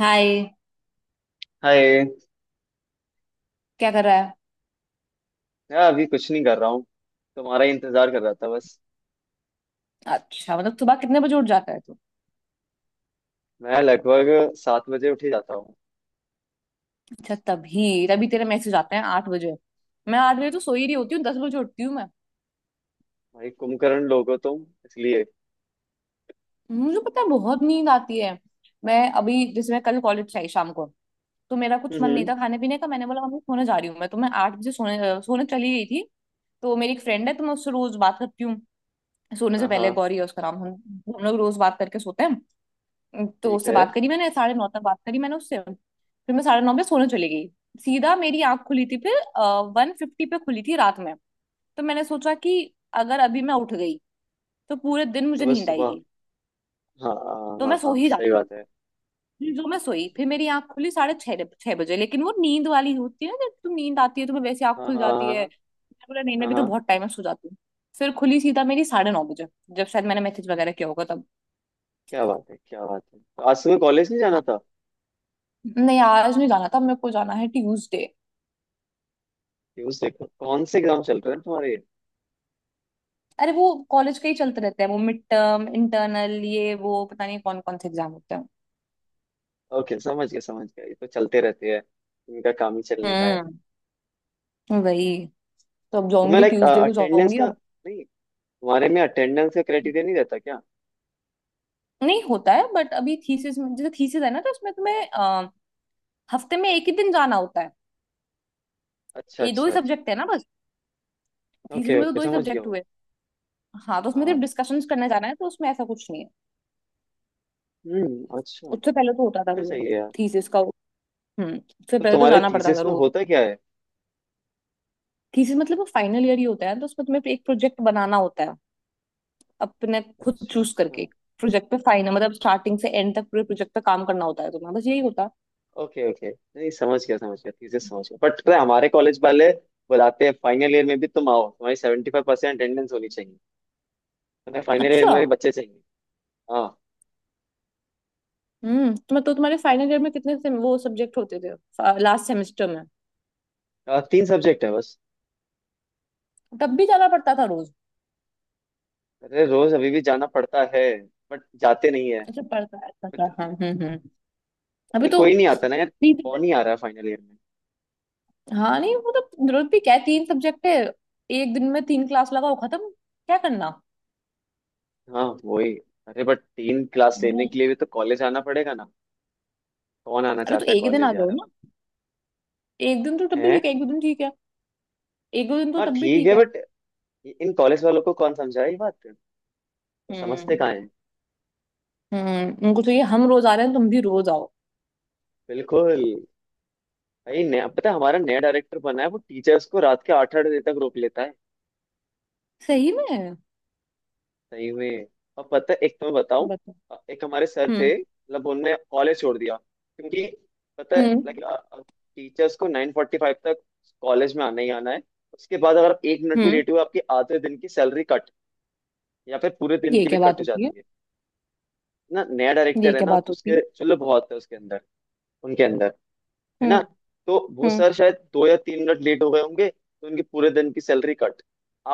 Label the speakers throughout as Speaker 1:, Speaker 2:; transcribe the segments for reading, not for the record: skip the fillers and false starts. Speaker 1: हाय।
Speaker 2: Hi.
Speaker 1: क्या कर रहा है?
Speaker 2: यार अभी कुछ नहीं कर रहा हूँ। तुम्हारा ही इंतजार कर रहा था बस।
Speaker 1: अच्छा, मतलब सुबह कितने बजे उठ जाता है तू?
Speaker 2: मैं लगभग 7 बजे उठ ही जाता हूँ।
Speaker 1: अच्छा, तभी तभी तेरे मैसेज आते हैं 8 बजे। मैं 8 बजे तो सो ही रही होती हूँ, 10 बजे उठती हूँ मैं।
Speaker 2: भाई कुंभकर्ण लोग हो तुम इसलिए।
Speaker 1: मुझे पता है, बहुत नींद आती है। मैं अभी जैसे, मैं कल कॉलेज से आई शाम को, तो मेरा कुछ मन नहीं
Speaker 2: हम्म।
Speaker 1: था खाने पीने का। मैंने बोला मम्मी सोने जा रही हूँ मैं, तो मैं 8 बजे सोने चली गई थी। तो मेरी एक फ्रेंड है, तो मैं उससे रोज बात करती हूँ सोने से
Speaker 2: हाँ
Speaker 1: पहले,
Speaker 2: हाँ
Speaker 1: गौरी है उसका नाम। हम लोग रोज बात करके सोते हैं। तो
Speaker 2: ठीक
Speaker 1: उससे
Speaker 2: है।
Speaker 1: बात करी मैंने, 9:30 तक बात करी मैंने उससे, फिर मैं 9:30 बजे सोने चली गई। सीधा मेरी आंख खुली थी फिर, 1:50 पे खुली थी रात में। तो मैंने सोचा कि अगर अभी मैं उठ गई तो पूरे दिन
Speaker 2: तो
Speaker 1: मुझे
Speaker 2: बस
Speaker 1: नींद
Speaker 2: सुबह।
Speaker 1: आएगी,
Speaker 2: हाँ हाँ
Speaker 1: तो मैं
Speaker 2: हाँ।
Speaker 1: सो
Speaker 2: हाँ
Speaker 1: ही
Speaker 2: सही
Speaker 1: जाती हूँ।
Speaker 2: बात है।
Speaker 1: फिर जो मैं सोई, फिर मेरी आंख खुली साढ़े छह छह बजे, लेकिन वो नींद वाली होती है ना, जब तुम, नींद आती है तुम्हें वैसे आंख
Speaker 2: हाँ
Speaker 1: खुल
Speaker 2: हाँ
Speaker 1: जाती
Speaker 2: हाँ।
Speaker 1: है।
Speaker 2: हाँ
Speaker 1: मैंने बोला नहीं, मैं
Speaker 2: हाँ
Speaker 1: भी तो
Speaker 2: हाँ,
Speaker 1: बहुत टाइम में सो जाती हूँ। फिर खुली सीधा मेरी 9:30 बजे, जब शायद मैंने मैसेज वगैरह किया होगा तब।
Speaker 2: क्या बात है क्या बात है? तो आज सुबह कॉलेज नहीं जाना
Speaker 1: हाँ।
Speaker 2: था?
Speaker 1: नहीं, आज नहीं जाना था, मेरे को जाना है ट्यूसडे।
Speaker 2: न्यूज देखो, कौन से एग्जाम चल रहे हैं तुम्हारे।
Speaker 1: अरे, वो कॉलेज का ही चलते रहते हैं वो, मिड टर्म, इंटरनल, ये वो, पता नहीं कौन कौन से एग्जाम होते हैं।
Speaker 2: ओके समझ गया समझ गया, ये तो चलते रहते हैं। इनका काम ही चलने का है।
Speaker 1: हम्म, वही। तो अब
Speaker 2: तो मैं
Speaker 1: जाऊंगी,
Speaker 2: लाइक
Speaker 1: ट्यूसडे को
Speaker 2: अटेंडेंस
Speaker 1: जाऊंगी
Speaker 2: का
Speaker 1: अब।
Speaker 2: नहीं, तुम्हारे में अटेंडेंस का क्राइटेरिया नहीं रहता क्या?
Speaker 1: नहीं होता है, बट अभी थीसिस में, जैसे थीसिस है ना, तो उसमें तुम्हें हफ्ते में एक ही दिन जाना होता है।
Speaker 2: अच्छा
Speaker 1: ये दो
Speaker 2: अच्छा
Speaker 1: ही
Speaker 2: अच्छा।
Speaker 1: सब्जेक्ट है ना बस, थीसिस
Speaker 2: ओके
Speaker 1: में तो
Speaker 2: ओके
Speaker 1: दो ही
Speaker 2: समझ गया
Speaker 1: सब्जेक्ट
Speaker 2: वो।
Speaker 1: हुए। हाँ, तो उसमें सिर्फ
Speaker 2: हाँ।
Speaker 1: डिस्कशन करने जाना है, तो उसमें ऐसा कुछ नहीं है।
Speaker 2: हम्म, अच्छा।
Speaker 1: उससे पहले तो होता था
Speaker 2: फिर
Speaker 1: रोज,
Speaker 2: सही है यार।
Speaker 1: थीसिस का। उससे
Speaker 2: तो
Speaker 1: पहले तो
Speaker 2: तुम्हारे
Speaker 1: जाना पड़ता था
Speaker 2: थीसिस में
Speaker 1: रोज।
Speaker 2: होता क्या है?
Speaker 1: थीसिस मतलब फाइनल ईयर ही होता है, तो उसमें तुम्हें एक प्रोजेक्ट बनाना होता है, अपने खुद
Speaker 2: अच्छा
Speaker 1: चूज करके।
Speaker 2: अच्छा।
Speaker 1: प्रोजेक्ट पे फाइन है, मतलब स्टार्टिंग से एंड तक पूरे प्रोजेक्ट पे काम करना होता है तुम्हें, बस यही होता है।
Speaker 2: ओके ओके, नहीं समझ गया समझ गया, थीसिस समझ गया। बट पता है, हमारे कॉलेज वाले बुलाते हैं फाइनल ईयर में भी। तुम आओ, तुम्हारी 75% अटेंडेंस होनी चाहिए। तुम्हें फाइनल ईयर
Speaker 1: अच्छा।
Speaker 2: में भी बच्चे चाहिए। हाँ।
Speaker 1: तुम्हें तो, तुम्हारे फाइनल ईयर में कितने से वो सब्जेक्ट होते थे लास्ट सेमेस्टर में?
Speaker 2: 3 सब्जेक्ट है बस।
Speaker 1: तब भी जाना पड़ता था रोज?
Speaker 2: अरे रोज अभी भी जाना पड़ता है, बट जाते नहीं है।
Speaker 1: अच्छा, पड़ता है, अच्छा,
Speaker 2: बट-
Speaker 1: अच्छा, हाँ, हम्म, हम्म। अभी
Speaker 2: अरे
Speaker 1: तो
Speaker 2: कोई नहीं आता ना यार।
Speaker 1: तीन
Speaker 2: कौन
Speaker 1: सब्जेक्ट।
Speaker 2: ही आ रहा है फाइनल ईयर में।
Speaker 1: हाँ नहीं, वो तो रोज भी क्या है, तीन सब्जेक्ट है, एक दिन में तीन क्लास लगाओ खत्म, क्या करना?
Speaker 2: हाँ वही। अरे बट 3 क्लास
Speaker 1: अरे,
Speaker 2: लेने के लिए भी तो कॉलेज आना पड़ेगा ना। कौन आना
Speaker 1: अरे तो
Speaker 2: चाहता है
Speaker 1: एक ही दिन आ
Speaker 2: कॉलेज यार
Speaker 1: जाओ
Speaker 2: अब।
Speaker 1: ना, एक दिन तो तब भी
Speaker 2: है।
Speaker 1: ठीक है, एक दो दिन ठीक है। एक दो दिन तो
Speaker 2: हाँ
Speaker 1: तब भी
Speaker 2: ठीक
Speaker 1: ठीक
Speaker 2: है,
Speaker 1: है।
Speaker 2: बट इन कॉलेज वालों को कौन समझाए ये बात? वो समझते
Speaker 1: हम्म।
Speaker 2: कहाँ है।
Speaker 1: उनको चाहिए हम रोज आ रहे हैं, तुम भी रोज आओ।
Speaker 2: बिल्कुल। भाई नया पता है, हमारा नया डायरेक्टर बना है, वो टीचर्स को रात के 8 8 बजे तक रोक लेता है।
Speaker 1: सही में?
Speaker 2: सही में। और पता है, एक तो मैं बताऊं,
Speaker 1: बताओ।
Speaker 2: एक हमारे सर
Speaker 1: हम्म,
Speaker 2: थे, मतलब उनने कॉलेज छोड़ दिया क्योंकि पता है
Speaker 1: हम्म,
Speaker 2: लाइक टीचर्स को 9:45 तक कॉलेज में आना ही आना है। उसके बाद अगर आप 1 मिनट भी
Speaker 1: हम्म।
Speaker 2: लेट हुए, आपकी आधे दिन की सैलरी कट, या फिर पूरे दिन
Speaker 1: ये
Speaker 2: की भी
Speaker 1: क्या
Speaker 2: कट
Speaker 1: बात
Speaker 2: हो
Speaker 1: होती है?
Speaker 2: जाती है। ना नया
Speaker 1: ये
Speaker 2: डायरेक्टर है
Speaker 1: क्या
Speaker 2: ना,
Speaker 1: बात
Speaker 2: तो
Speaker 1: होती है?
Speaker 2: उसके, चलो बहुत है उसके अंदर, उनके अंदर, है
Speaker 1: हम्म,
Speaker 2: ना। तो वो
Speaker 1: हम्म।
Speaker 2: सर शायद 2 या 3 मिनट लेट हो गए होंगे, तो उनके पूरे दिन की सैलरी कट।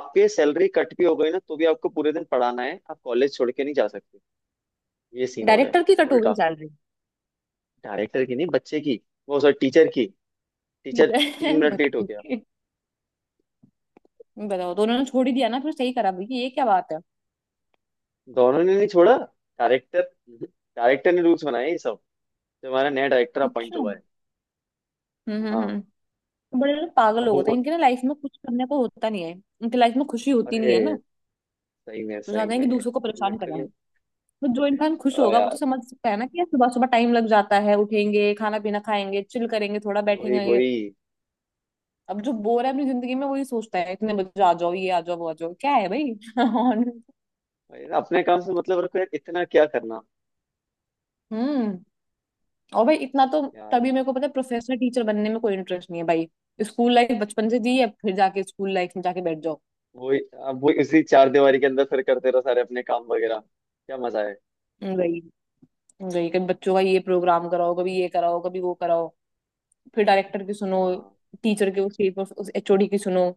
Speaker 2: आपके सैलरी कट भी हो गई ना, तो भी आपको पूरे दिन पढ़ाना है, आप कॉलेज छोड़ के नहीं जा सकते। ये सीन हो रहा
Speaker 1: डायरेक्टर की कट
Speaker 2: है।
Speaker 1: हो गई
Speaker 2: उल्टा।
Speaker 1: सैलरी?
Speaker 2: डायरेक्टर की नहीं, बच्चे की, वो सर टीचर की, टीचर। तीन मिनट लेट हो
Speaker 1: बच्चों
Speaker 2: गया।
Speaker 1: की। बताओ, तो उन्होंने छोड़ ही दिया ना फिर, सही करा भाई, ये क्या बात है?
Speaker 2: दोनों ने नहीं छोड़ा। डायरेक्टर। डायरेक्टर ने रूल्स बनाए ये सब। जो हमारा नया डायरेक्टर अपॉइंट
Speaker 1: अच्छा।
Speaker 2: हुआ है।
Speaker 1: हम्म, हम्म,
Speaker 2: हाँ।
Speaker 1: हम्म। बड़े लोग पागल
Speaker 2: अब
Speaker 1: लोग होते
Speaker 2: वो,
Speaker 1: हैं, इनके ना लाइफ में कुछ करने को होता नहीं है, इनके लाइफ में खुशी होती
Speaker 2: अरे,
Speaker 1: नहीं है ना,
Speaker 2: सही में
Speaker 1: तो
Speaker 2: सही
Speaker 1: चाहते हैं कि
Speaker 2: में।
Speaker 1: दूसरों को परेशान करें हम।
Speaker 2: लिटरली।
Speaker 1: तो जो इंसान खुश होगा वो तो समझ सकता है ना कि यार सुबह सुबह टाइम लग जाता है, उठेंगे, खाना पीना खाएंगे, चिल करेंगे, थोड़ा
Speaker 2: वही
Speaker 1: बैठेंगे।
Speaker 2: वही।
Speaker 1: अब जो बोर है अपनी जिंदगी में वही सोचता है इतने बजे आ जाओ, ये आ जाओ, वो आ जाओ, क्या है भाई? और।
Speaker 2: वही ना, अपने काम से मतलब रखो यार, इतना क्या करना।
Speaker 1: हम्म और भाई इतना तो,
Speaker 2: यार।
Speaker 1: तभी मेरे को पता है प्रोफेसर टीचर बनने में कोई इंटरेस्ट नहीं है भाई। स्कूल लाइफ बचपन से जी है, फिर जाके स्कूल लाइफ में जाके बैठ जाओ,
Speaker 2: वही। अब वही उसी चार दीवारी के अंदर फिर करते रहो सारे अपने काम वगैरह, क्या मजा है।
Speaker 1: गई। गई, कभी बच्चों का ये प्रोग्राम कराओ, कभी ये कराओ, कभी वो कराओ, फिर डायरेक्टर की सुनो,
Speaker 2: हाँ
Speaker 1: टीचर के, उसकी, उस HOD की सुनो।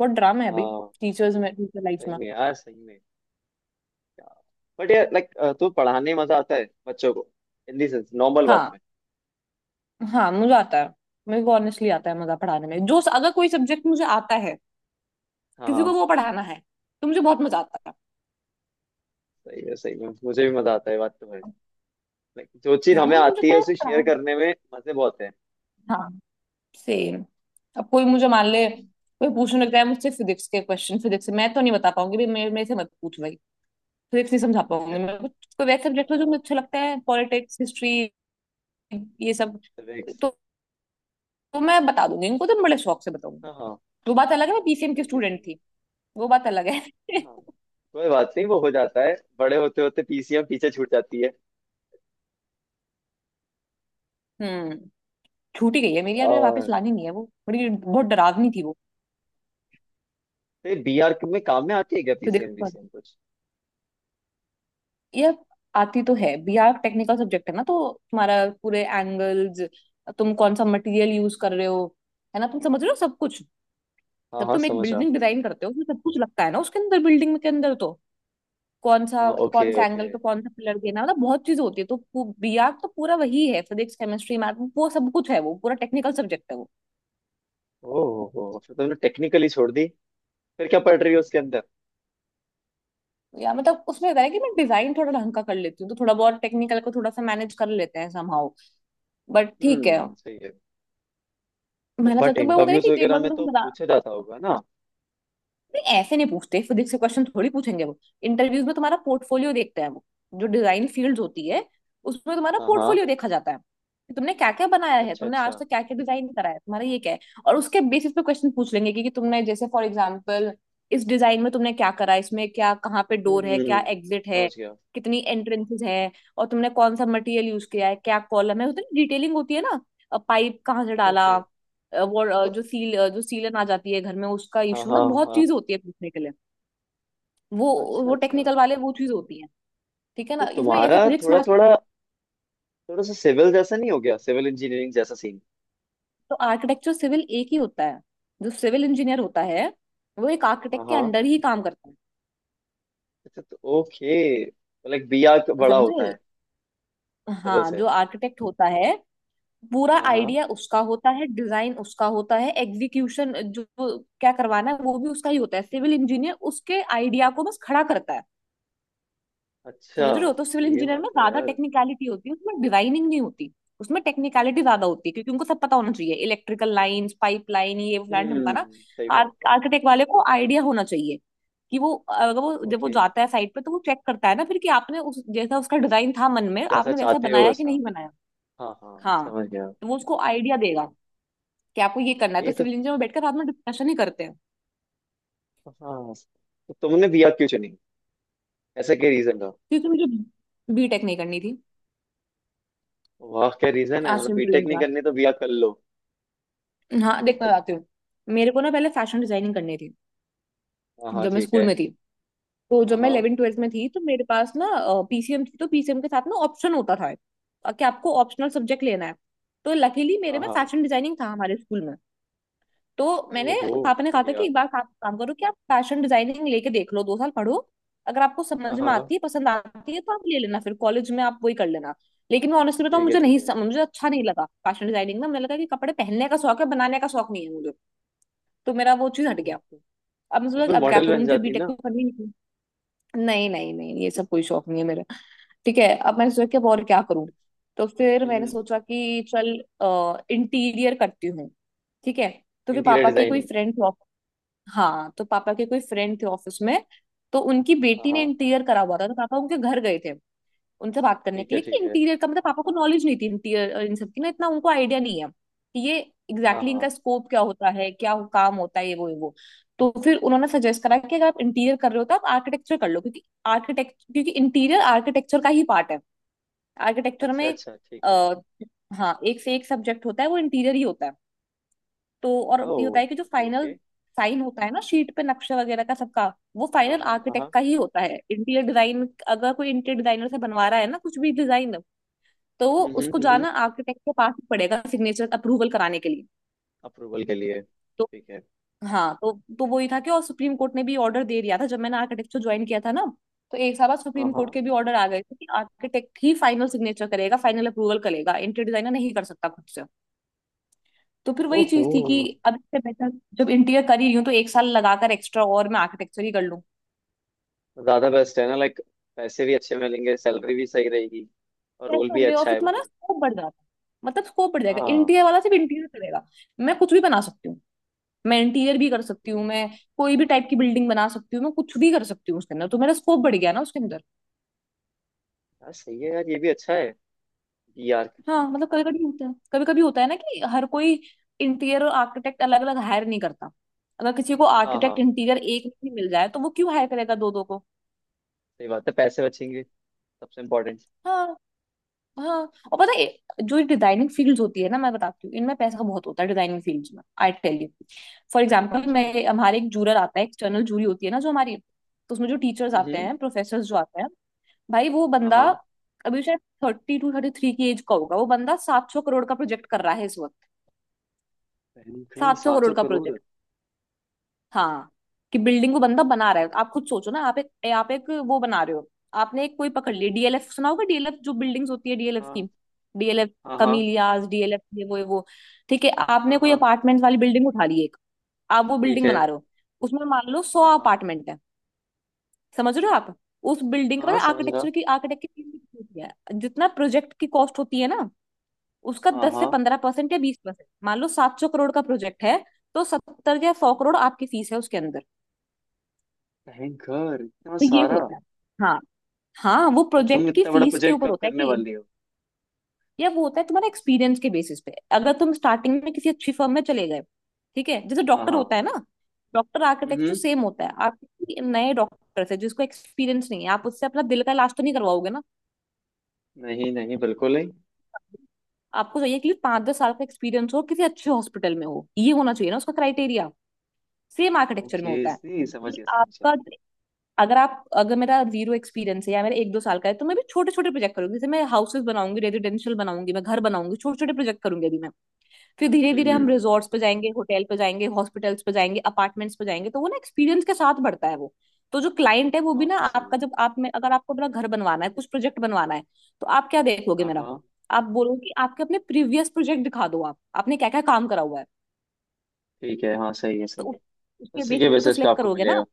Speaker 1: बहुत ड्रामा है भाई,
Speaker 2: हाँ।
Speaker 1: टीचर्स में, टीचर लाइफ
Speaker 2: सही
Speaker 1: में।
Speaker 2: में यार सही में। यार। बट यार लाइक, तो पढ़ाने में मजा आता है बच्चों को, इन दी सेंस नॉर्मल बात
Speaker 1: हाँ,
Speaker 2: में।
Speaker 1: हाँ मुझे आता है। मेरे को ऑनेस्टली आता है मजा पढ़ाने में, जो अगर कोई सब्जेक्ट मुझे आता है,
Speaker 2: हाँ
Speaker 1: किसी को
Speaker 2: हाँ।
Speaker 1: वो पढ़ाना है, तो मुझे बहुत मजा आता था।
Speaker 2: सही है, सही में मुझे भी मजा आता है, बात तो है। लाइक जो चीज
Speaker 1: हाँ,
Speaker 2: हमें
Speaker 1: मुझे मुझे
Speaker 2: आती
Speaker 1: क्या
Speaker 2: है,
Speaker 1: है
Speaker 2: उसे
Speaker 1: पढ़ा।
Speaker 2: शेयर करने में मजे बहुत है।
Speaker 1: हाँ। सेम। अब कोई मुझे मान ले,
Speaker 2: हाँ।
Speaker 1: कोई पूछने लगता है मुझसे फिजिक्स के क्वेश्चन, फिजिक्स से मैं तो नहीं बता पाऊंगी भाई, मेरे मेरे से मत पूछ भाई। फिजिक्स नहीं समझा पाऊंगी मैं कोई वैसे सब्जेक्ट हो जो
Speaker 2: हाँ।
Speaker 1: मुझे अच्छा लगता है, पॉलिटिक्स, हिस्ट्री, ये सब,
Speaker 2: तो next।
Speaker 1: तो, तो मैं बता दूंगी इनको, तो मैं बड़े शौक से बताऊंगी।
Speaker 2: हाँ हाँ।
Speaker 1: वो बात अलग है, मैं PCM की
Speaker 2: सही है सही
Speaker 1: स्टूडेंट
Speaker 2: है।
Speaker 1: थी। वो बात अलग है।
Speaker 2: हाँ। कोई बात नहीं, वो हो जाता है, बड़े होते होते पीसीएम पीछे छूट जाती है।
Speaker 1: हम्म छूटी गई है मेरी यार, मुझे वापस
Speaker 2: और
Speaker 1: लानी नहीं है, वो बड़ी बहुत डरावनी थी वो,
Speaker 2: फिर बीआर में काम में आती है क्या
Speaker 1: फिजिक्स
Speaker 2: पीसीएम? पीसीएम कुछ।
Speaker 1: ये। आती तो है, BR टेक्निकल सब्जेक्ट है ना, तो तुम्हारा, पूरे एंगल्स, तुम कौन सा मटेरियल यूज कर रहे हो, है ना, तुम समझ रहे हो सब कुछ।
Speaker 2: हाँ
Speaker 1: जब
Speaker 2: हाँ
Speaker 1: तुम एक
Speaker 2: समझा।
Speaker 1: बिल्डिंग डिजाइन करते हो उसमें सब कुछ लगता है ना, उसके अंदर, बिल्डिंग के अंदर तो, कौन सा,
Speaker 2: हाँ
Speaker 1: कौन
Speaker 2: ओके
Speaker 1: सा
Speaker 2: ओके।
Speaker 1: एंगल पे कौन सा पिलर देना, मतलब बहुत चीज होती है। तो BR तो पूरा वही है, फिजिक्स, केमिस्ट्री, मैथ, वो सब कुछ है, वो पूरा टेक्निकल सब्जेक्ट है वो।
Speaker 2: ओहो फिर तुमने टेक्निकली छोड़ दी। फिर क्या पढ़ रही हो उसके अंदर?
Speaker 1: या मतलब उसमें होता है कि मैं डिजाइन थोड़ा ढंग का कर लेती हूँ, तो थोड़ा बहुत टेक्निकल को थोड़ा सा मैनेज कर लेते हैं समहाउ, बट ठीक है।
Speaker 2: सही है। तो,
Speaker 1: मेहनत
Speaker 2: बट
Speaker 1: लगती है, पर होता है
Speaker 2: इंटरव्यूज
Speaker 1: कि एक
Speaker 2: वगैरह
Speaker 1: बार तो
Speaker 2: में
Speaker 1: तुम
Speaker 2: तो
Speaker 1: बना।
Speaker 2: पूछा जाता होगा ना।
Speaker 1: नहीं, ऐसे नहीं पूछते, फिजिक्स से क्वेश्चन थोड़ी पूछेंगे वो। इंटरव्यूज में तुम्हारा पोर्टफोलियो देखते हैं वो, जो डिजाइन फील्ड होती है उसमें तुम्हारा
Speaker 2: हाँ हाँ।
Speaker 1: पोर्टफोलियो देखा जाता है, कि तुमने क्या क्या बनाया है,
Speaker 2: अच्छा
Speaker 1: तुमने आज
Speaker 2: अच्छा।
Speaker 1: तक क्या क्या डिजाइन करा है, तुम्हारा ये क्या है। और उसके बेसिस पे क्वेश्चन पूछ लेंगे कि तुमने, जैसे फॉर एग्जाम्पल, इस डिजाइन में तुमने क्या करा है, इसमें क्या, कहाँ पे
Speaker 2: हम्म
Speaker 1: डोर है,
Speaker 2: हम्म,
Speaker 1: क्या
Speaker 2: हम्म,
Speaker 1: एग्जिट है,
Speaker 2: समझ गया।
Speaker 1: कितनी एंट्रेंसेस है, और तुमने कौन सा मटेरियल यूज किया है, क्या कॉलम है, उतनी डिटेलिंग होती है ना, पाइप कहाँ से डाला।
Speaker 2: ओके।
Speaker 1: वो
Speaker 2: तो
Speaker 1: जो सीलन आ जाती है घर में, उसका
Speaker 2: हाँ
Speaker 1: इशू ना,
Speaker 2: हाँ
Speaker 1: बहुत
Speaker 2: हाँ।
Speaker 1: चीज होती है पूछने के लिए वो।
Speaker 2: अच्छा
Speaker 1: वो
Speaker 2: अच्छा।
Speaker 1: टेक्निकल वाले वो चीज होती है, ठीक है
Speaker 2: तो
Speaker 1: ना, इसमें ऐसे
Speaker 2: तुम्हारा
Speaker 1: फिजिक्स
Speaker 2: थोड़ा
Speaker 1: मैथ्स पढ़ते
Speaker 2: थोड़ा, थोड़ा सा सिविल जैसा नहीं हो गया, सिविल इंजीनियरिंग जैसा सीन।
Speaker 1: हैं। तो आर्किटेक्चर सिविल एक ही होता है। जो सिविल इंजीनियर होता है वो एक
Speaker 2: हाँ
Speaker 1: आर्किटेक्ट के
Speaker 2: हाँ।
Speaker 1: अंडर ही काम करता
Speaker 2: अच्छा तो ओके। लाइक बिया
Speaker 1: है,
Speaker 2: बड़ा होता
Speaker 1: समझे?
Speaker 2: है टेबल
Speaker 1: हाँ,
Speaker 2: से।
Speaker 1: जो आर्किटेक्ट होता है, पूरा
Speaker 2: हाँ हाँ।
Speaker 1: आइडिया उसका होता है, डिजाइन उसका होता है, एग्जीक्यूशन, जो जो क्या करवाना है वो भी उसका ही होता है। सिविल इंजीनियर उसके आइडिया को बस खड़ा करता है,
Speaker 2: अच्छा
Speaker 1: समझ रहे हो? तो
Speaker 2: तो
Speaker 1: सिविल
Speaker 2: ये
Speaker 1: इंजीनियर में
Speaker 2: बात है
Speaker 1: ज्यादा
Speaker 2: यार।
Speaker 1: टेक्निकलिटी होती है, उसमें डिजाइनिंग नहीं होती, उसमें टेक्निकलिटी ज्यादा होती है, क्योंकि उनको सब पता होना चाहिए, इलेक्ट्रिकल लाइंस, पाइप लाइन, ये फ्लैट हमका ना।
Speaker 2: सही बात।
Speaker 1: आर्किटेक्ट वाले को आइडिया होना चाहिए, कि वो, अगर वो, जब वो
Speaker 2: ओके।
Speaker 1: जाता है साइट पे, तो वो चेक करता है ना फिर, कि आपने, उस जैसा उसका डिजाइन था मन में,
Speaker 2: जैसा
Speaker 1: आपने वैसा
Speaker 2: चाहते हो
Speaker 1: बनाया कि
Speaker 2: वैसा।
Speaker 1: नहीं बनाया।
Speaker 2: हाँ हाँ
Speaker 1: हाँ,
Speaker 2: समझ गया।
Speaker 1: तो वो उसको आइडिया देगा कि आपको ये करना है, तो
Speaker 2: ये तो।
Speaker 1: सिविल इंजीनियर में बैठकर साथ में डिस्कशन ही करते हैं।
Speaker 2: हाँ। तो तुमने बिया क्यों चुनी? ऐसा क्या रीजन था?
Speaker 1: क्योंकि मुझे B.Tech नहीं करनी थी।
Speaker 2: वाह क्या रीजन है,
Speaker 1: आज
Speaker 2: मतलब
Speaker 1: सिंपल
Speaker 2: बीटेक
Speaker 1: इज
Speaker 2: नहीं करनी तो बिया कर लो।
Speaker 1: दैट। हाँ, देख मैं बताती हूँ। मेरे को ना पहले फैशन डिजाइनिंग करनी थी,
Speaker 2: हाँ हाँ
Speaker 1: जब मैं
Speaker 2: ठीक
Speaker 1: स्कूल
Speaker 2: है।
Speaker 1: में थी। तो
Speaker 2: हाँ
Speaker 1: जब मैं
Speaker 2: हाँ
Speaker 1: 11 12th में थी, तो मेरे पास ना PCM थी, तो PCM के साथ ना ऑप्शन होता था, कि आपको ऑप्शनल सब्जेक्ट लेना है। तो लकीली मेरे
Speaker 2: हाँ
Speaker 1: में
Speaker 2: हाँ।
Speaker 1: फैशन डिजाइनिंग था हमारे स्कूल में, तो मैंने
Speaker 2: ओहो।
Speaker 1: पापा ने कहा था कि
Speaker 2: बढ़िया।
Speaker 1: एक बार आप काम करो, कि आप फैशन डिजाइनिंग लेके देख लो, 2 साल पढ़ो, अगर आपको
Speaker 2: हाँ
Speaker 1: समझ में
Speaker 2: हाँ।
Speaker 1: आती है, पसंद आती है, तो आप ले लेना फिर, कॉलेज में आप वही कर लेना। लेकिन मैं ऑनेस्टली बताऊं,
Speaker 2: ठीक है
Speaker 1: मुझे
Speaker 2: ठीक
Speaker 1: नहीं
Speaker 2: है।
Speaker 1: मुझे अच्छा नहीं लगा फैशन डिजाइनिंग में। मुझे लगा कि कपड़े पहनने का शौक है, बनाने का शौक नहीं है मुझे, तो मेरा वो चीज हट
Speaker 2: हम्म,
Speaker 1: गया।
Speaker 2: तो,
Speaker 1: अब मुझे
Speaker 2: तो फिर
Speaker 1: लगा, अब क्या
Speaker 2: मॉडल
Speaker 1: करूं,
Speaker 2: बन
Speaker 1: मुझे
Speaker 2: जाती
Speaker 1: B.Tech
Speaker 2: ना?
Speaker 1: तो करनी नहीं। नहीं नहीं नहीं, ये सब कोई शौक नहीं है मेरा। ठीक है, अब मैंने सोचा कि अब और क्या करूं। तो फिर मैंने सोचा कि चल इंटीरियर करती हूँ, ठीक है। तो फिर
Speaker 2: इंटीरियर
Speaker 1: पापा के कोई
Speaker 2: डिजाइनिंग।
Speaker 1: फ्रेंड थे ऑफिस, हाँ तो पापा के कोई फ्रेंड थे ऑफिस में, तो उनकी
Speaker 2: हाँ
Speaker 1: बेटी ने
Speaker 2: हाँ
Speaker 1: इंटीरियर करा हुआ था, तो पापा उनके घर गए थे उनसे बात करने
Speaker 2: ठीक
Speaker 1: के
Speaker 2: है
Speaker 1: लिए, कि
Speaker 2: ठीक है।
Speaker 1: इंटीरियर का मतलब, पापा को
Speaker 2: हाँ
Speaker 1: नॉलेज नहीं थी इंटीरियर और इन सब की ना, इतना उनको आइडिया नहीं है कि ये एग्जैक्टली
Speaker 2: हाँ
Speaker 1: exactly
Speaker 2: हाँ।
Speaker 1: इनका स्कोप क्या होता है, क्या वो काम होता है, ये वो, ये वो। तो फिर उन्होंने सजेस्ट करा कि अगर आप इंटीरियर कर रहे हो तो आप आर्किटेक्चर कर लो, क्योंकि आर्किटेक्ट, क्योंकि इंटीरियर आर्किटेक्चर का ही पार्ट है, आर्किटेक्चर
Speaker 2: अच्छा
Speaker 1: में
Speaker 2: अच्छा ठीक है।
Speaker 1: आ, हाँ एक से एक सब्जेक्ट होता है वो इंटीरियर ही होता है। तो और
Speaker 2: ओ।
Speaker 1: ये होता है कि जो
Speaker 2: ओके
Speaker 1: फाइनल
Speaker 2: ओके।
Speaker 1: साइन होता है ना, शीट पे नक्शा वगैरह का सबका, वो
Speaker 2: हाँ
Speaker 1: फाइनल
Speaker 2: हाँ हाँ
Speaker 1: आर्किटेक्ट
Speaker 2: हाँ,
Speaker 1: का ही होता है। इंटीरियर डिजाइन अगर कोई इंटीरियर डिजाइनर से बनवा रहा है ना कुछ भी डिजाइन, तो वो उसको
Speaker 2: हम्म।
Speaker 1: जाना आर्किटेक्ट के पास ही पड़ेगा सिग्नेचर अप्रूवल कराने के लिए।
Speaker 2: अप्रूवल के लिए
Speaker 1: तो
Speaker 2: ठीक है।
Speaker 1: हाँ, तो वही था कि, और सुप्रीम कोर्ट ने भी ऑर्डर दे दिया था जब मैंने आर्किटेक्चर ज्वाइन किया था ना। तो एक साल बाद
Speaker 2: हाँ
Speaker 1: सुप्रीम कोर्ट
Speaker 2: हाँ।
Speaker 1: के भी ऑर्डर आ गए थे कि आर्किटेक्ट ही फाइनल सिग्नेचर करेगा, फाइनल अप्रूवल करेगा, इंटीरियर डिजाइनर नहीं कर सकता खुद से। तो फिर वही
Speaker 2: ओहो।
Speaker 1: चीज थी कि अब इससे बेटर, जब इंटीरियर कर ही रही हूँ तो एक साल लगाकर एक्स्ट्रा और मैं आर्किटेक्चर ही कर लूँ।
Speaker 2: ज्यादा बेस्ट है ना लाइक, पैसे भी अच्छे मिलेंगे, सैलरी भी सही रहेगी, और रोल
Speaker 1: ऐसे
Speaker 2: भी
Speaker 1: होंगे और
Speaker 2: अच्छा
Speaker 1: फिर
Speaker 2: है वो
Speaker 1: तुम्हारा
Speaker 2: फिर।
Speaker 1: स्कोप बढ़ जाता है। मतलब स्कोप बढ़ जाएगा,
Speaker 2: हाँ।
Speaker 1: इंटीरियर वाला सिर्फ इंटीरियर करेगा। मैं कुछ भी बना सकती हूँ, मैं इंटीरियर भी कर सकती हूँ,
Speaker 2: ये।
Speaker 1: मैं कोई भी टाइप की बिल्डिंग बना सकती हूँ, मैं कुछ भी कर सकती हूँ उसके अंदर। तो मेरा स्कोप बढ़ गया ना उसके अंदर।
Speaker 2: यार सही है यार, ये भी अच्छा है। यार।
Speaker 1: हाँ, मतलब कभी कभी होता है, कभी कभी होता है ना कि हर कोई इंटीरियर और आर्किटेक्ट अलग अलग हायर नहीं करता। अगर किसी को
Speaker 2: हाँ
Speaker 1: आर्किटेक्ट
Speaker 2: हाँ
Speaker 1: इंटीरियर एक नहीं मिल जाए, तो वो क्यों हायर करेगा दो दो को।
Speaker 2: सही बात है, पैसे बचेंगे सबसे इम्पोर्टेंट।
Speaker 1: हाँ हाँ। और पता है, जो डिजाइनिंग फील्ड्स होती है ना, मैं बताती हूँ, इनमें पैसा बहुत होता है डिजाइनिंग फील्ड्स में। I tell you, for example,
Speaker 2: अच्छा।
Speaker 1: मैं हमारे एक जूरर आता है, एक्सटर्नल जूरी होती है ना जो हमारी, तो उसमें जो टीचर्स आते
Speaker 2: हम्म।
Speaker 1: हैं, प्रोफेसर जो आते हैं, भाई वो
Speaker 2: हाँ
Speaker 1: बंदा
Speaker 2: हाँ।
Speaker 1: अभी शायद 32 33 की एज का होगा, वो बंदा 700 करोड़ का प्रोजेक्ट कर रहा है इस वक्त।
Speaker 2: बैंक।
Speaker 1: सात सौ
Speaker 2: सात सौ
Speaker 1: करोड़ का
Speaker 2: करोड़
Speaker 1: प्रोजेक्ट। हाँ, कि बिल्डिंग को बंदा बना रहा है। आप खुद सोचो ना, आप एक वो बना रहे हो। आपने एक कोई पकड़ लिया, डीएलएफ सुना होगा, डीएलएफ जो बिल्डिंग्स होती है डीएलएफ की।
Speaker 2: हाँ
Speaker 1: डीएलएफ
Speaker 2: हाँ हाँ
Speaker 1: कमीलियाज, डीएलएफ ये वो ये वो, ठीक है।
Speaker 2: हाँ
Speaker 1: आपने कोई
Speaker 2: हाँ।
Speaker 1: अपार्टमेंट वाली बिल्डिंग उठा ली एक, आप वो
Speaker 2: ठीक
Speaker 1: बिल्डिंग
Speaker 2: है।
Speaker 1: बना रहे हो, उसमें मान लो सौ
Speaker 2: हाँ हाँ
Speaker 1: अपार्टमेंट है। समझ रहे हो आप, उस बिल्डिंग
Speaker 2: हाँ
Speaker 1: का
Speaker 2: समझ रहा।
Speaker 1: आर्किटेक्चर की आर्किटेक्ट की फीस कितनी होती है, जितना प्रोजेक्ट की कॉस्ट होती है ना, उसका
Speaker 2: हाँ
Speaker 1: दस से
Speaker 2: हाँ।
Speaker 1: पंद्रह परसेंट या 20%। मान लो 700 करोड़ का प्रोजेक्ट है, तो 70 या 100 करोड़ आपकी फीस है उसके अंदर।
Speaker 2: भयंकर इतना
Speaker 1: तो ये
Speaker 2: सारा।
Speaker 1: होता है। हाँ हाँ, वो
Speaker 2: तो तुम
Speaker 1: प्रोजेक्ट की
Speaker 2: इतना बड़ा
Speaker 1: फीस के
Speaker 2: प्रोजेक्ट
Speaker 1: ऊपर
Speaker 2: कब
Speaker 1: होता है
Speaker 2: करने
Speaker 1: कि,
Speaker 2: वाली हो?
Speaker 1: या वो होता है तुम्हारे एक्सपीरियंस के बेसिस पे। अगर तुम स्टार्टिंग में किसी अच्छी फर्म में चले गए, ठीक है, जैसे
Speaker 2: हाँ
Speaker 1: डॉक्टर
Speaker 2: हाँ।
Speaker 1: होता है ना, डॉक्टर आर्किटेक्चर
Speaker 2: हम्म।
Speaker 1: तो सेम होता है। आप किसी नए डॉक्टर से जिसको एक्सपीरियंस नहीं है, आप उससे अपना दिल का इलाज तो नहीं करवाओगे ना।
Speaker 2: नहीं नहीं बिल्कुल नहीं।
Speaker 1: आपको चाहिए कि 5 10 साल का एक्सपीरियंस हो, किसी अच्छे हॉस्पिटल में हो, ये होना चाहिए ना उसका क्राइटेरिया। सेम आर्किटेक्चर में
Speaker 2: ओके,
Speaker 1: होता है,
Speaker 2: नहीं समझ
Speaker 1: कि
Speaker 2: गया समझ गया
Speaker 1: आपका,
Speaker 2: बिल्कुल।
Speaker 1: अगर मेरा जीरो एक्सपीरियंस है या मेरा 1 2 साल का है, तो मैं भी छोटे छोटे प्रोजेक्ट करूंगी, जैसे मैं हाउसेस बनाऊंगी, रेजिडेंशियल बनाऊंगी, मैं घर बनाऊंगी, छोटे छोटे प्रोजेक्ट करूंगी अभी मैं। फिर धीरे धीरे
Speaker 2: हम्म
Speaker 1: हम
Speaker 2: हम्म,
Speaker 1: रिजॉर्ट्स पे जाएंगे, होटल पे जाएंगे, हॉस्पिटल्स पे जाएंगे, अपार्टमेंट्स पे जाएंगे। तो वो ना एक्सपीरियंस के साथ बढ़ता है वो। तो जो क्लाइंट है वो भी ना
Speaker 2: काफी सही
Speaker 1: आपका,
Speaker 2: है।
Speaker 1: जब आप में, अगर आपको अपना घर बनवाना है, कुछ प्रोजेक्ट बनवाना है, तो आप क्या देखोगे
Speaker 2: हाँ
Speaker 1: मेरा।
Speaker 2: हाँ
Speaker 1: आप बोलोगे कि आपके अपने प्रीवियस प्रोजेक्ट दिखा दो, आप आपने क्या क्या काम करा हुआ है।
Speaker 2: ठीक है। हाँ सही है
Speaker 1: तो
Speaker 2: सही है।
Speaker 1: उसके
Speaker 2: उसी के
Speaker 1: बेसिस पे तो
Speaker 2: बेसिस पे
Speaker 1: सिलेक्ट
Speaker 2: आपको
Speaker 1: करोगे ना।
Speaker 2: मिलेगा।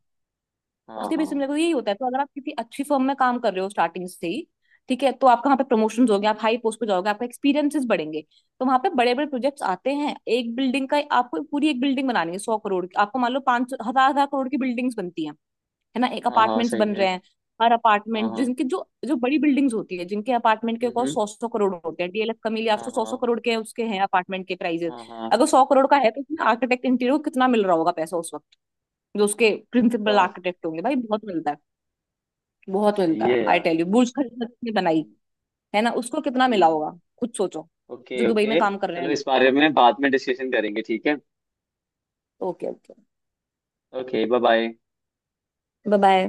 Speaker 2: हाँ
Speaker 1: उसके बेस पे
Speaker 2: हाँ।
Speaker 1: मेरे को यही होता है। तो अगर आप किसी अच्छी फर्म में काम कर रहे हो स्टार्टिंग से ही, ठीक है, तो आपका वहाँ पे प्रमोशन होगे, आप हाई पोस्ट पे जाओगे, आपका एक्सपीरियंसेस बढ़ेंगे। तो वहाँ पे बड़े बड़े प्रोजेक्ट्स आते हैं, एक बिल्डिंग का आपको पूरी एक बिल्डिंग बनानी है, 100 करोड़ की। आपको मान लो 5000 हजार करोड़ की बिल्डिंग्स बनती हैं, है ना। एक
Speaker 2: हाँ हाँ।
Speaker 1: अपार्टमेंट्स
Speaker 2: सही
Speaker 1: बन
Speaker 2: है।
Speaker 1: रहे हैं, हर
Speaker 2: हाँ
Speaker 1: अपार्टमेंट,
Speaker 2: हाँ।
Speaker 1: जिनके जो जो बड़ी बिल्डिंग्स होती है, जिनके अपार्टमेंट के
Speaker 2: हम्म
Speaker 1: कॉस्ट
Speaker 2: हम्म,
Speaker 1: 100 100 करोड़ होते हैं। डीएलएफ कमीलिया,
Speaker 2: हाँ
Speaker 1: आपको सौ सौ
Speaker 2: हाँ।
Speaker 1: करोड़ के उसके हैं अपार्टमेंट के प्राइजेस।
Speaker 2: हाँ हाँ।
Speaker 1: अगर 100 करोड़ का है, तो उसमें आर्किटेक्ट इंटीरियर को कितना मिल रहा होगा पैसा उस वक्त, जो उसके प्रिंसिपल
Speaker 2: काफी
Speaker 1: आर्किटेक्ट होंगे, भाई बहुत मिलता है। बहुत
Speaker 2: सही
Speaker 1: मिलता है,
Speaker 2: है
Speaker 1: आई
Speaker 2: यार।
Speaker 1: Tell you. बुर्ज खलीफा किसने बनाई,
Speaker 2: हम्म
Speaker 1: है ना, उसको कितना मिला
Speaker 2: हम्म,
Speaker 1: होगा, खुद सोचो। जो
Speaker 2: ओके
Speaker 1: दुबई में
Speaker 2: ओके।
Speaker 1: काम कर रहे हैं
Speaker 2: चलो इस
Speaker 1: लोग।
Speaker 2: बारे में बाद में डिस्कशन करेंगे, ठीक है।
Speaker 1: Okay okay,
Speaker 2: okay bye bye.
Speaker 1: Bye bye.